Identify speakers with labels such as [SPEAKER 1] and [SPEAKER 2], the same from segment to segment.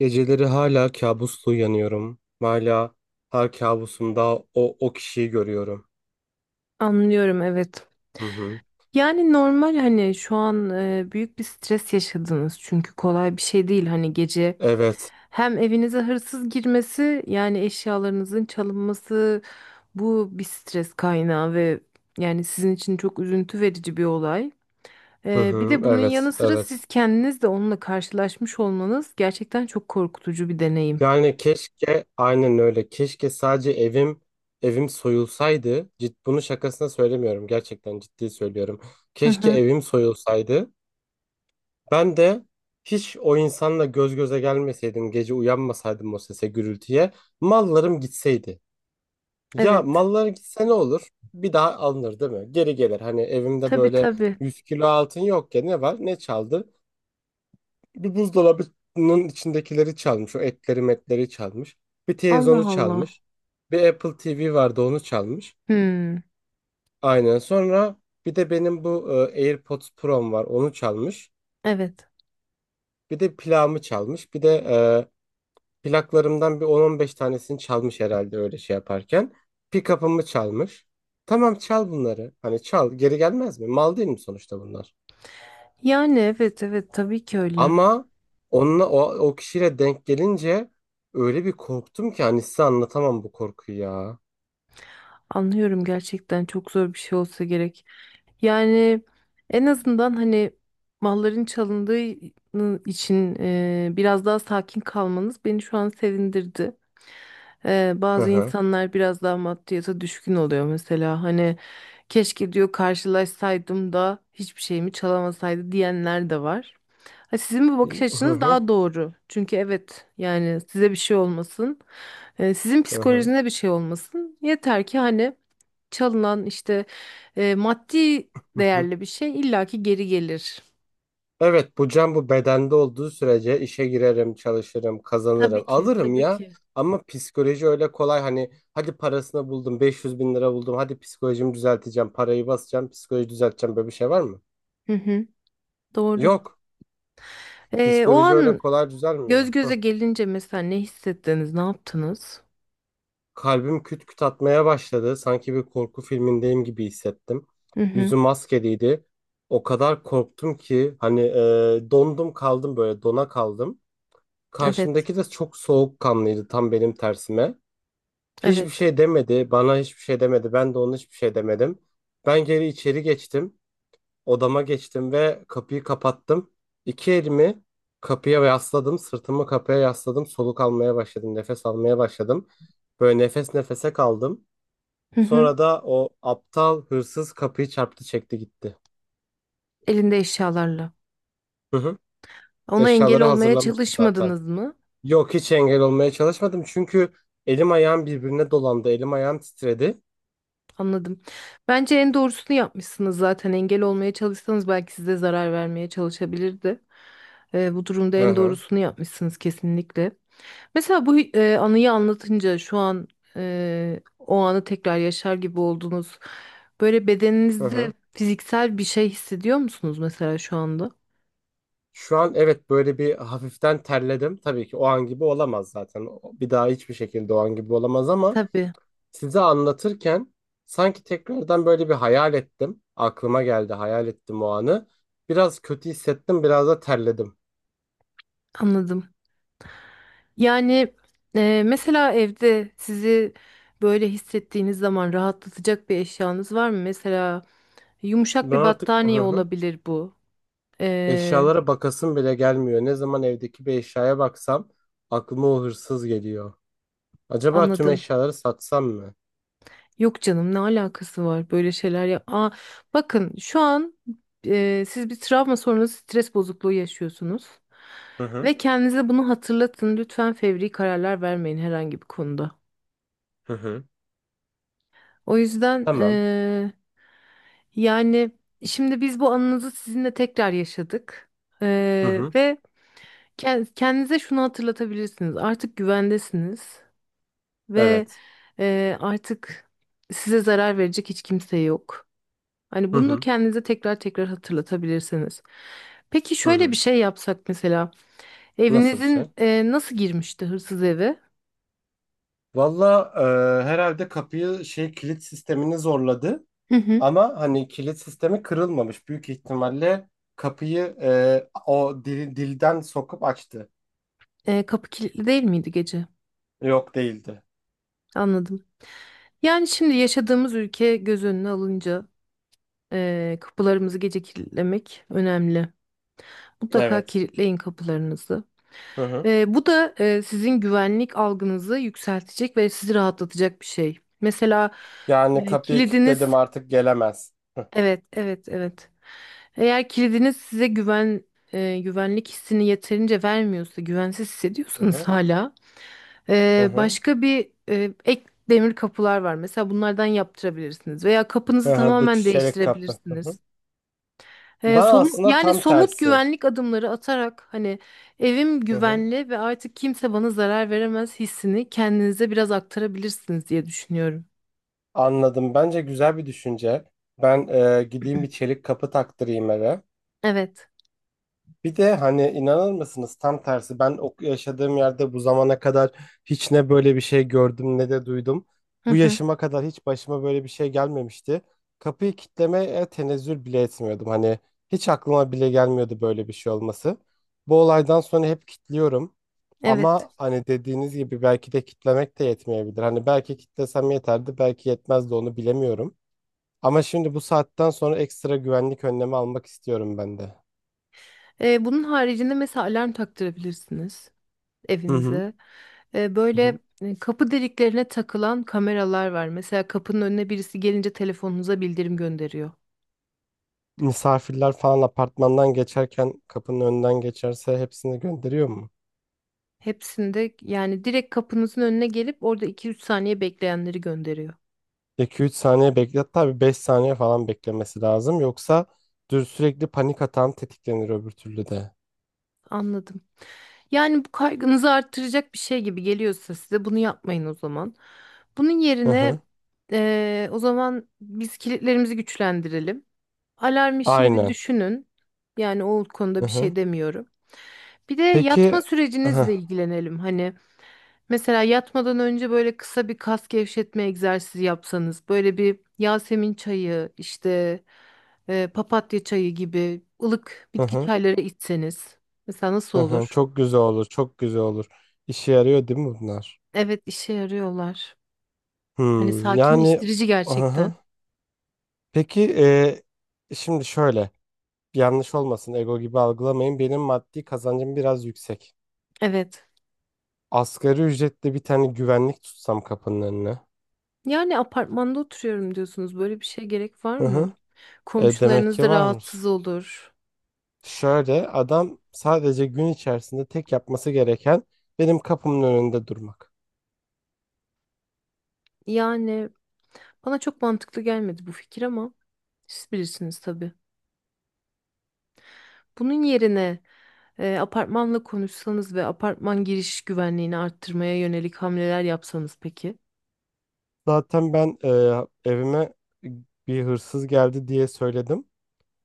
[SPEAKER 1] Geceleri hala kabusla uyanıyorum. Hala her kabusumda o kişiyi görüyorum.
[SPEAKER 2] Anlıyorum evet.
[SPEAKER 1] Hı hı.
[SPEAKER 2] Yani normal hani şu an büyük bir stres yaşadınız çünkü kolay bir şey değil hani gece
[SPEAKER 1] Evet.
[SPEAKER 2] hem evinize hırsız girmesi yani eşyalarınızın çalınması bu bir stres kaynağı ve yani sizin için çok üzüntü verici bir olay.
[SPEAKER 1] Hı
[SPEAKER 2] Bir
[SPEAKER 1] hı.
[SPEAKER 2] de bunun
[SPEAKER 1] Evet.
[SPEAKER 2] yanı sıra
[SPEAKER 1] Evet.
[SPEAKER 2] siz kendiniz de onunla karşılaşmış olmanız gerçekten çok korkutucu bir deneyim.
[SPEAKER 1] Yani keşke aynen öyle. Keşke sadece evim soyulsaydı. Bunu şakasına söylemiyorum. Gerçekten ciddi söylüyorum.
[SPEAKER 2] Hı
[SPEAKER 1] Keşke
[SPEAKER 2] hı.
[SPEAKER 1] evim soyulsaydı. Ben de hiç o insanla göz göze gelmeseydim, gece uyanmasaydım o sese, gürültüye, mallarım gitseydi. Ya
[SPEAKER 2] Evet.
[SPEAKER 1] mallar gitse ne olur? Bir daha alınır değil mi? Geri gelir. Hani evimde
[SPEAKER 2] Tabii
[SPEAKER 1] böyle
[SPEAKER 2] tabii.
[SPEAKER 1] 100 kilo altın yok ya, ne var? Ne çaldı? Bir buzdolabının içindekileri çalmış. O etleri metleri çalmış. Bir
[SPEAKER 2] Allah
[SPEAKER 1] televizyonu
[SPEAKER 2] Allah.
[SPEAKER 1] çalmış. Bir Apple TV vardı, onu çalmış.
[SPEAKER 2] Hmm.
[SPEAKER 1] Aynen. Sonra bir de benim bu AirPods Pro'm var, onu çalmış.
[SPEAKER 2] Evet.
[SPEAKER 1] Bir de plağımı çalmış. Bir de plaklarımdan bir 10-15 tanesini çalmış herhalde öyle şey yaparken. Pick-up'ımı çalmış. Tamam, çal bunları. Hani çal, geri gelmez mi? Mal değil mi sonuçta bunlar?
[SPEAKER 2] Yani evet evet tabii ki öyle.
[SPEAKER 1] Ama onunla o kişiyle denk gelince öyle bir korktum ki, hani size anlatamam bu korkuyu ya.
[SPEAKER 2] Anlıyorum, gerçekten çok zor bir şey olsa gerek. Yani en azından hani malların çalındığı için biraz daha sakin kalmanız beni şu an sevindirdi.
[SPEAKER 1] Hı
[SPEAKER 2] Bazı
[SPEAKER 1] hı.
[SPEAKER 2] insanlar biraz daha maddiyata düşkün oluyor mesela. Hani keşke diyor karşılaşsaydım da hiçbir şeyimi çalamasaydı diyenler de var. Ha, sizin bu
[SPEAKER 1] Hı
[SPEAKER 2] bakış açınız
[SPEAKER 1] hı.
[SPEAKER 2] daha doğru. Çünkü evet yani size bir şey olmasın. Sizin
[SPEAKER 1] Hı hı.
[SPEAKER 2] psikolojinize bir şey olmasın. Yeter ki hani çalınan işte maddi değerli bir şey illaki geri gelir.
[SPEAKER 1] Evet, bu can bu bedende olduğu sürece işe girerim, çalışırım, kazanırım,
[SPEAKER 2] Tabii ki,
[SPEAKER 1] alırım
[SPEAKER 2] tabii
[SPEAKER 1] ya.
[SPEAKER 2] ki.
[SPEAKER 1] Ama psikoloji öyle kolay hani, hadi parasını buldum, 500 bin lira buldum, hadi psikolojimi düzelteceğim, parayı basacağım, psikoloji düzelteceğim, böyle bir şey var mı?
[SPEAKER 2] Hı hı, doğru.
[SPEAKER 1] Yok,
[SPEAKER 2] O
[SPEAKER 1] psikoloji öyle
[SPEAKER 2] an
[SPEAKER 1] kolay
[SPEAKER 2] göz
[SPEAKER 1] düzelmiyor. Hıh.
[SPEAKER 2] göze gelince mesela ne hissettiniz, ne yaptınız?
[SPEAKER 1] Kalbim küt küt atmaya başladı, sanki bir korku filmindeyim gibi hissettim.
[SPEAKER 2] Hı hı,
[SPEAKER 1] Yüzüm maskeliydi, o kadar korktum ki hani dondum kaldım, böyle dona kaldım.
[SPEAKER 2] evet,
[SPEAKER 1] Karşımdaki de çok soğukkanlıydı, tam benim tersime. Hiçbir
[SPEAKER 2] evet.
[SPEAKER 1] şey demedi. Bana hiçbir şey demedi. Ben de ona hiçbir şey demedim. Ben geri içeri geçtim. Odama geçtim ve kapıyı kapattım. İki elimi kapıya yasladım. Sırtımı kapıya yasladım. Soluk almaya başladım. Nefes almaya başladım. Böyle nefes nefese kaldım.
[SPEAKER 2] Hı hı,
[SPEAKER 1] Sonra da o aptal hırsız kapıyı çarptı, çekti gitti.
[SPEAKER 2] elinde eşyalarla.
[SPEAKER 1] Hı hı.
[SPEAKER 2] Ona engel
[SPEAKER 1] Eşyaları
[SPEAKER 2] olmaya
[SPEAKER 1] hazırlamıştı zaten.
[SPEAKER 2] çalışmadınız mı?
[SPEAKER 1] Yok, hiç engel olmaya çalışmadım. Çünkü elim ayağım birbirine dolandı. Elim ayağım titredi.
[SPEAKER 2] Anladım. Bence en doğrusunu yapmışsınız zaten. Engel olmaya çalışsanız belki size zarar vermeye çalışabilirdi. Bu durumda
[SPEAKER 1] Hı
[SPEAKER 2] en
[SPEAKER 1] hı.
[SPEAKER 2] doğrusunu yapmışsınız kesinlikle. Mesela bu anıyı anlatınca şu an o anı tekrar yaşar gibi oldunuz. Böyle
[SPEAKER 1] Hı
[SPEAKER 2] bedeninizde
[SPEAKER 1] hı.
[SPEAKER 2] fiziksel bir şey hissediyor musunuz mesela şu anda?
[SPEAKER 1] Şu an evet, böyle bir hafiften terledim. Tabii ki o an gibi olamaz zaten. Bir daha hiçbir şekilde o an gibi olamaz, ama
[SPEAKER 2] Tabii,
[SPEAKER 1] size anlatırken sanki tekrardan böyle bir hayal ettim. Aklıma geldi, hayal ettim o anı. Biraz kötü hissettim, biraz da terledim.
[SPEAKER 2] anladım. Yani mesela evde sizi böyle hissettiğiniz zaman rahatlatacak bir eşyanız var mı? Mesela yumuşak
[SPEAKER 1] Ben
[SPEAKER 2] bir
[SPEAKER 1] artık, hı
[SPEAKER 2] battaniye
[SPEAKER 1] hı,
[SPEAKER 2] olabilir bu. E,
[SPEAKER 1] eşyalara bakasım bile gelmiyor. Ne zaman evdeki bir eşyaya baksam aklıma o hırsız geliyor. Acaba tüm
[SPEAKER 2] Anladım.
[SPEAKER 1] eşyaları satsam mı?
[SPEAKER 2] Yok canım ne alakası var böyle şeyler ya. Aa, bakın şu an siz bir travma sonrası stres bozukluğu yaşıyorsunuz.
[SPEAKER 1] Hı hı,
[SPEAKER 2] Ve kendinize bunu hatırlatın. Lütfen fevri kararlar vermeyin herhangi bir konuda.
[SPEAKER 1] hı hı.
[SPEAKER 2] O yüzden
[SPEAKER 1] Tamam.
[SPEAKER 2] yani şimdi biz bu anınızı sizinle tekrar yaşadık.
[SPEAKER 1] Hı hı.
[SPEAKER 2] Ve kendinize şunu hatırlatabilirsiniz. Artık güvendesiniz ve
[SPEAKER 1] Evet.
[SPEAKER 2] artık size zarar verecek hiç kimse yok. Hani
[SPEAKER 1] Hı
[SPEAKER 2] bunu
[SPEAKER 1] hı,
[SPEAKER 2] kendinize tekrar tekrar hatırlatabilirsiniz. Peki
[SPEAKER 1] hı
[SPEAKER 2] şöyle bir
[SPEAKER 1] hı.
[SPEAKER 2] şey yapsak mesela.
[SPEAKER 1] Nasıl bir şey?
[SPEAKER 2] Evinizin nasıl girmişti hırsız eve?
[SPEAKER 1] Valla herhalde kapıyı, şey, kilit sistemini zorladı.
[SPEAKER 2] Hı hı.
[SPEAKER 1] Ama hani kilit sistemi kırılmamış. Büyük ihtimalle kapıyı o dilden sokup açtı.
[SPEAKER 2] Kapı kilitli değil miydi gece?
[SPEAKER 1] Yok, değildi.
[SPEAKER 2] Anladım. Yani şimdi yaşadığımız ülke göz önüne alınca kapılarımızı gece kilitlemek önemli. Mutlaka
[SPEAKER 1] Evet.
[SPEAKER 2] kilitleyin kapılarınızı.
[SPEAKER 1] Hı hı.
[SPEAKER 2] Bu da sizin güvenlik algınızı yükseltecek ve sizi rahatlatacak bir şey. Mesela
[SPEAKER 1] Yani kapıyı kilitledim,
[SPEAKER 2] kilidiniz
[SPEAKER 1] artık gelemez. Hı
[SPEAKER 2] evet, evet, evet. Eğer kilidiniz size güven güvenlik hissini yeterince vermiyorsa, güvensiz hissediyorsanız
[SPEAKER 1] hı.
[SPEAKER 2] hala
[SPEAKER 1] Hı hı.
[SPEAKER 2] başka bir ek demir kapılar var. Mesela bunlardan yaptırabilirsiniz veya kapınızı
[SPEAKER 1] Hı hı. Bu
[SPEAKER 2] tamamen
[SPEAKER 1] çelik kapı. Hı hı.
[SPEAKER 2] değiştirebilirsiniz.
[SPEAKER 1] Ben aslında
[SPEAKER 2] Yani
[SPEAKER 1] tam
[SPEAKER 2] somut
[SPEAKER 1] tersi.
[SPEAKER 2] güvenlik adımları atarak hani evim
[SPEAKER 1] Hı hı.
[SPEAKER 2] güvenli ve artık kimse bana zarar veremez hissini kendinize biraz aktarabilirsiniz diye düşünüyorum.
[SPEAKER 1] Anladım. Bence güzel bir düşünce. Ben gideyim bir çelik kapı taktırayım eve.
[SPEAKER 2] Evet.
[SPEAKER 1] Bir de hani, inanır mısınız, tam tersi, ben o yaşadığım yerde bu zamana kadar hiç ne böyle bir şey gördüm ne de duydum.
[SPEAKER 2] Hı
[SPEAKER 1] Bu
[SPEAKER 2] hı.
[SPEAKER 1] yaşıma kadar hiç başıma böyle bir şey gelmemişti. Kapıyı kitlemeye tenezzül bile etmiyordum. Hani hiç aklıma bile gelmiyordu böyle bir şey olması. Bu olaydan sonra hep kitliyorum.
[SPEAKER 2] Evet.
[SPEAKER 1] Ama hani dediğiniz gibi belki de kitlemek de yetmeyebilir. Hani belki kitlesem yeterdi, belki yetmezdi, onu bilemiyorum. Ama şimdi bu saatten sonra ekstra güvenlik önlemi almak istiyorum ben de.
[SPEAKER 2] Bunun haricinde mesela alarm taktırabilirsiniz
[SPEAKER 1] Hı hı.
[SPEAKER 2] evinize. Böyle kapı deliklerine takılan kameralar var. Mesela kapının önüne birisi gelince telefonunuza bildirim gönderiyor.
[SPEAKER 1] Misafirler falan apartmandan geçerken kapının önünden geçerse hepsini gönderiyor mu?
[SPEAKER 2] Hepsinde yani direkt kapınızın önüne gelip orada iki üç saniye bekleyenleri gönderiyor.
[SPEAKER 1] 2 3 saniye beklet, tabii 5 saniye falan beklemesi lazım. Yoksa dür sürekli panik atan tetiklenir öbür türlü de.
[SPEAKER 2] Anladım. Yani bu kaygınızı arttıracak bir şey gibi geliyorsa size bunu yapmayın o zaman. Bunun
[SPEAKER 1] Hı
[SPEAKER 2] yerine
[SPEAKER 1] hı.
[SPEAKER 2] o zaman biz kilitlerimizi güçlendirelim. Alarm işini bir
[SPEAKER 1] Aynen.
[SPEAKER 2] düşünün. Yani o konuda
[SPEAKER 1] Hı
[SPEAKER 2] bir
[SPEAKER 1] hı.
[SPEAKER 2] şey demiyorum. Bir de
[SPEAKER 1] Peki,
[SPEAKER 2] yatma
[SPEAKER 1] hı hı,
[SPEAKER 2] sürecinizle ilgilenelim. Hani mesela yatmadan önce böyle kısa bir kas gevşetme egzersizi yapsanız, böyle bir Yasemin çayı, işte papatya çayı gibi ılık
[SPEAKER 1] hı
[SPEAKER 2] bitki
[SPEAKER 1] hı.
[SPEAKER 2] çayları içseniz. Mesela nasıl
[SPEAKER 1] Hı. Hı.
[SPEAKER 2] olur?
[SPEAKER 1] Çok güzel olur. Çok güzel olur. İşe yarıyor değil mi bunlar?
[SPEAKER 2] Evet, işe yarıyorlar. Hani
[SPEAKER 1] Hmm, yani
[SPEAKER 2] sakinleştirici
[SPEAKER 1] hı hı.
[SPEAKER 2] gerçekten.
[SPEAKER 1] Peki şimdi şöyle, yanlış olmasın, ego gibi algılamayın. Benim maddi kazancım biraz yüksek.
[SPEAKER 2] Evet.
[SPEAKER 1] Asgari ücretle bir tane güvenlik tutsam kapının önüne.
[SPEAKER 2] Yani apartmanda oturuyorum diyorsunuz. Böyle bir şeye gerek var
[SPEAKER 1] Hı hı.
[SPEAKER 2] mı?
[SPEAKER 1] Demek
[SPEAKER 2] Komşularınız
[SPEAKER 1] ki
[SPEAKER 2] da
[SPEAKER 1] varmış.
[SPEAKER 2] rahatsız olur.
[SPEAKER 1] Şöyle, adam sadece gün içerisinde tek yapması gereken benim kapımın önünde durmak.
[SPEAKER 2] Yani bana çok mantıklı gelmedi bu fikir ama siz bilirsiniz tabii. Bunun yerine apartmanla konuşsanız ve apartman giriş güvenliğini arttırmaya yönelik hamleler yapsanız peki?
[SPEAKER 1] Zaten ben evime bir hırsız geldi diye söyledim.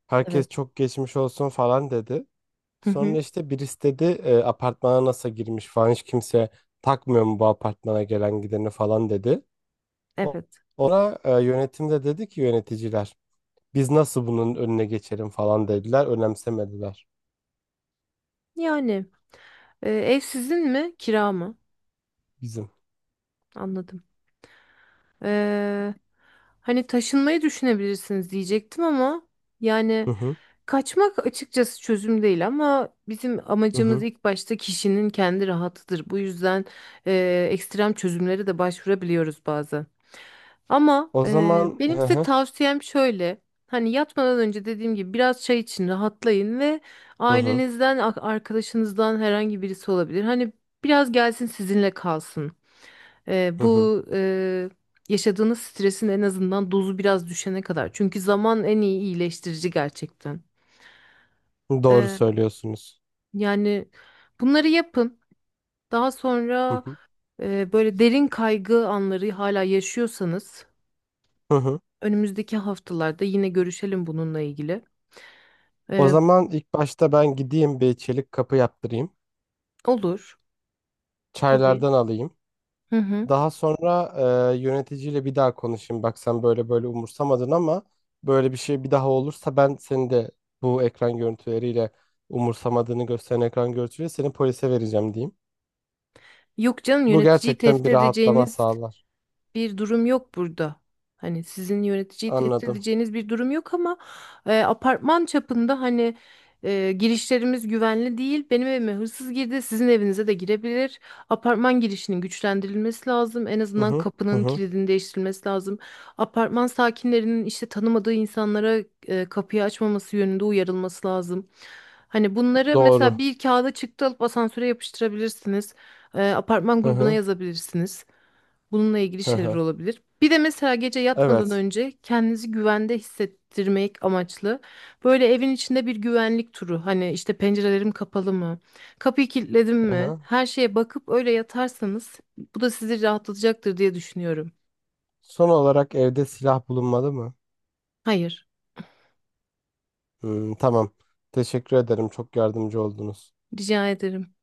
[SPEAKER 1] Herkes
[SPEAKER 2] Evet.
[SPEAKER 1] çok geçmiş olsun falan dedi.
[SPEAKER 2] Hı hı,
[SPEAKER 1] Sonra işte birisi dedi apartmana nasıl girmiş falan, hiç kimse takmıyor mu bu apartmana gelen gideni falan dedi. O-
[SPEAKER 2] evet.
[SPEAKER 1] Ona yönetim de dedi ki, yöneticiler. Biz nasıl bunun önüne geçelim falan dediler. Önemsemediler
[SPEAKER 2] Yani ev sizin mi, kira mı?
[SPEAKER 1] bizim.
[SPEAKER 2] Anladım. Ee, Hani taşınmayı düşünebilirsiniz diyecektim ama yani
[SPEAKER 1] Hı hı.
[SPEAKER 2] kaçmak açıkçası çözüm değil ama bizim
[SPEAKER 1] Hı
[SPEAKER 2] amacımız
[SPEAKER 1] hı.
[SPEAKER 2] ilk başta kişinin kendi rahatıdır. Bu yüzden ekstrem çözümlere de başvurabiliyoruz bazen. Ama
[SPEAKER 1] O zaman,
[SPEAKER 2] benim
[SPEAKER 1] hı
[SPEAKER 2] size
[SPEAKER 1] hı.
[SPEAKER 2] tavsiyem şöyle. Hani yatmadan önce dediğim gibi biraz çay için rahatlayın ve
[SPEAKER 1] Hı hı.
[SPEAKER 2] ailenizden, arkadaşınızdan herhangi birisi olabilir. Hani biraz gelsin sizinle kalsın.
[SPEAKER 1] Hı hı.
[SPEAKER 2] Bu yaşadığınız stresin en azından dozu biraz düşene kadar. Çünkü zaman en iyi iyileştirici gerçekten.
[SPEAKER 1] Doğru
[SPEAKER 2] Eee,
[SPEAKER 1] söylüyorsunuz.
[SPEAKER 2] Yani bunları yapın. Daha
[SPEAKER 1] Hı
[SPEAKER 2] sonra
[SPEAKER 1] hı.
[SPEAKER 2] böyle derin kaygı anları hala yaşıyorsanız
[SPEAKER 1] Hı hı.
[SPEAKER 2] önümüzdeki haftalarda yine görüşelim bununla ilgili.
[SPEAKER 1] O
[SPEAKER 2] Eee,
[SPEAKER 1] zaman ilk başta ben gideyim bir çelik kapı yaptırayım.
[SPEAKER 2] olur tabii.
[SPEAKER 1] Çaylardan alayım.
[SPEAKER 2] Hı hı.
[SPEAKER 1] Daha sonra yöneticiyle bir daha konuşayım. Bak sen böyle böyle umursamadın, ama böyle bir şey bir daha olursa ben seni de bu ekran görüntüleriyle, umursamadığını gösteren ekran görüntüsüyle seni polise vereceğim diyeyim.
[SPEAKER 2] Yok canım,
[SPEAKER 1] Bu
[SPEAKER 2] yöneticiyi
[SPEAKER 1] gerçekten
[SPEAKER 2] tehdit
[SPEAKER 1] bir rahatlama
[SPEAKER 2] edeceğiniz
[SPEAKER 1] sağlar.
[SPEAKER 2] bir durum yok burada. Hani sizin yöneticiyi tehdit
[SPEAKER 1] Anladım.
[SPEAKER 2] edeceğiniz bir durum yok ama apartman çapında hani girişlerimiz güvenli değil. Benim evime hırsız girdi, sizin evinize de girebilir. Apartman girişinin güçlendirilmesi lazım. En
[SPEAKER 1] Hı
[SPEAKER 2] azından
[SPEAKER 1] hı. Hı
[SPEAKER 2] kapının
[SPEAKER 1] hı.
[SPEAKER 2] kilidini değiştirilmesi lazım. Apartman sakinlerinin işte tanımadığı insanlara kapıyı açmaması yönünde uyarılması lazım. Hani bunları mesela
[SPEAKER 1] Doğru.
[SPEAKER 2] bir kağıda çıktı alıp asansöre yapıştırabilirsiniz. Apartman
[SPEAKER 1] Hı
[SPEAKER 2] grubuna
[SPEAKER 1] hı.
[SPEAKER 2] yazabilirsiniz. Bununla ilgili
[SPEAKER 1] Hı
[SPEAKER 2] şeyler
[SPEAKER 1] hı.
[SPEAKER 2] olabilir. Bir de mesela gece yatmadan
[SPEAKER 1] Evet.
[SPEAKER 2] önce kendinizi güvende hissettirmek amaçlı böyle evin içinde bir güvenlik turu. Hani işte pencerelerim kapalı mı? Kapıyı kilitledim
[SPEAKER 1] Hı
[SPEAKER 2] mi?
[SPEAKER 1] hı.
[SPEAKER 2] Her şeye bakıp öyle yatarsanız bu da sizi rahatlatacaktır diye düşünüyorum.
[SPEAKER 1] Son olarak evde silah bulunmadı mı?
[SPEAKER 2] Hayır,
[SPEAKER 1] Hmm, tamam. Teşekkür ederim. Çok yardımcı oldunuz.
[SPEAKER 2] rica ederim.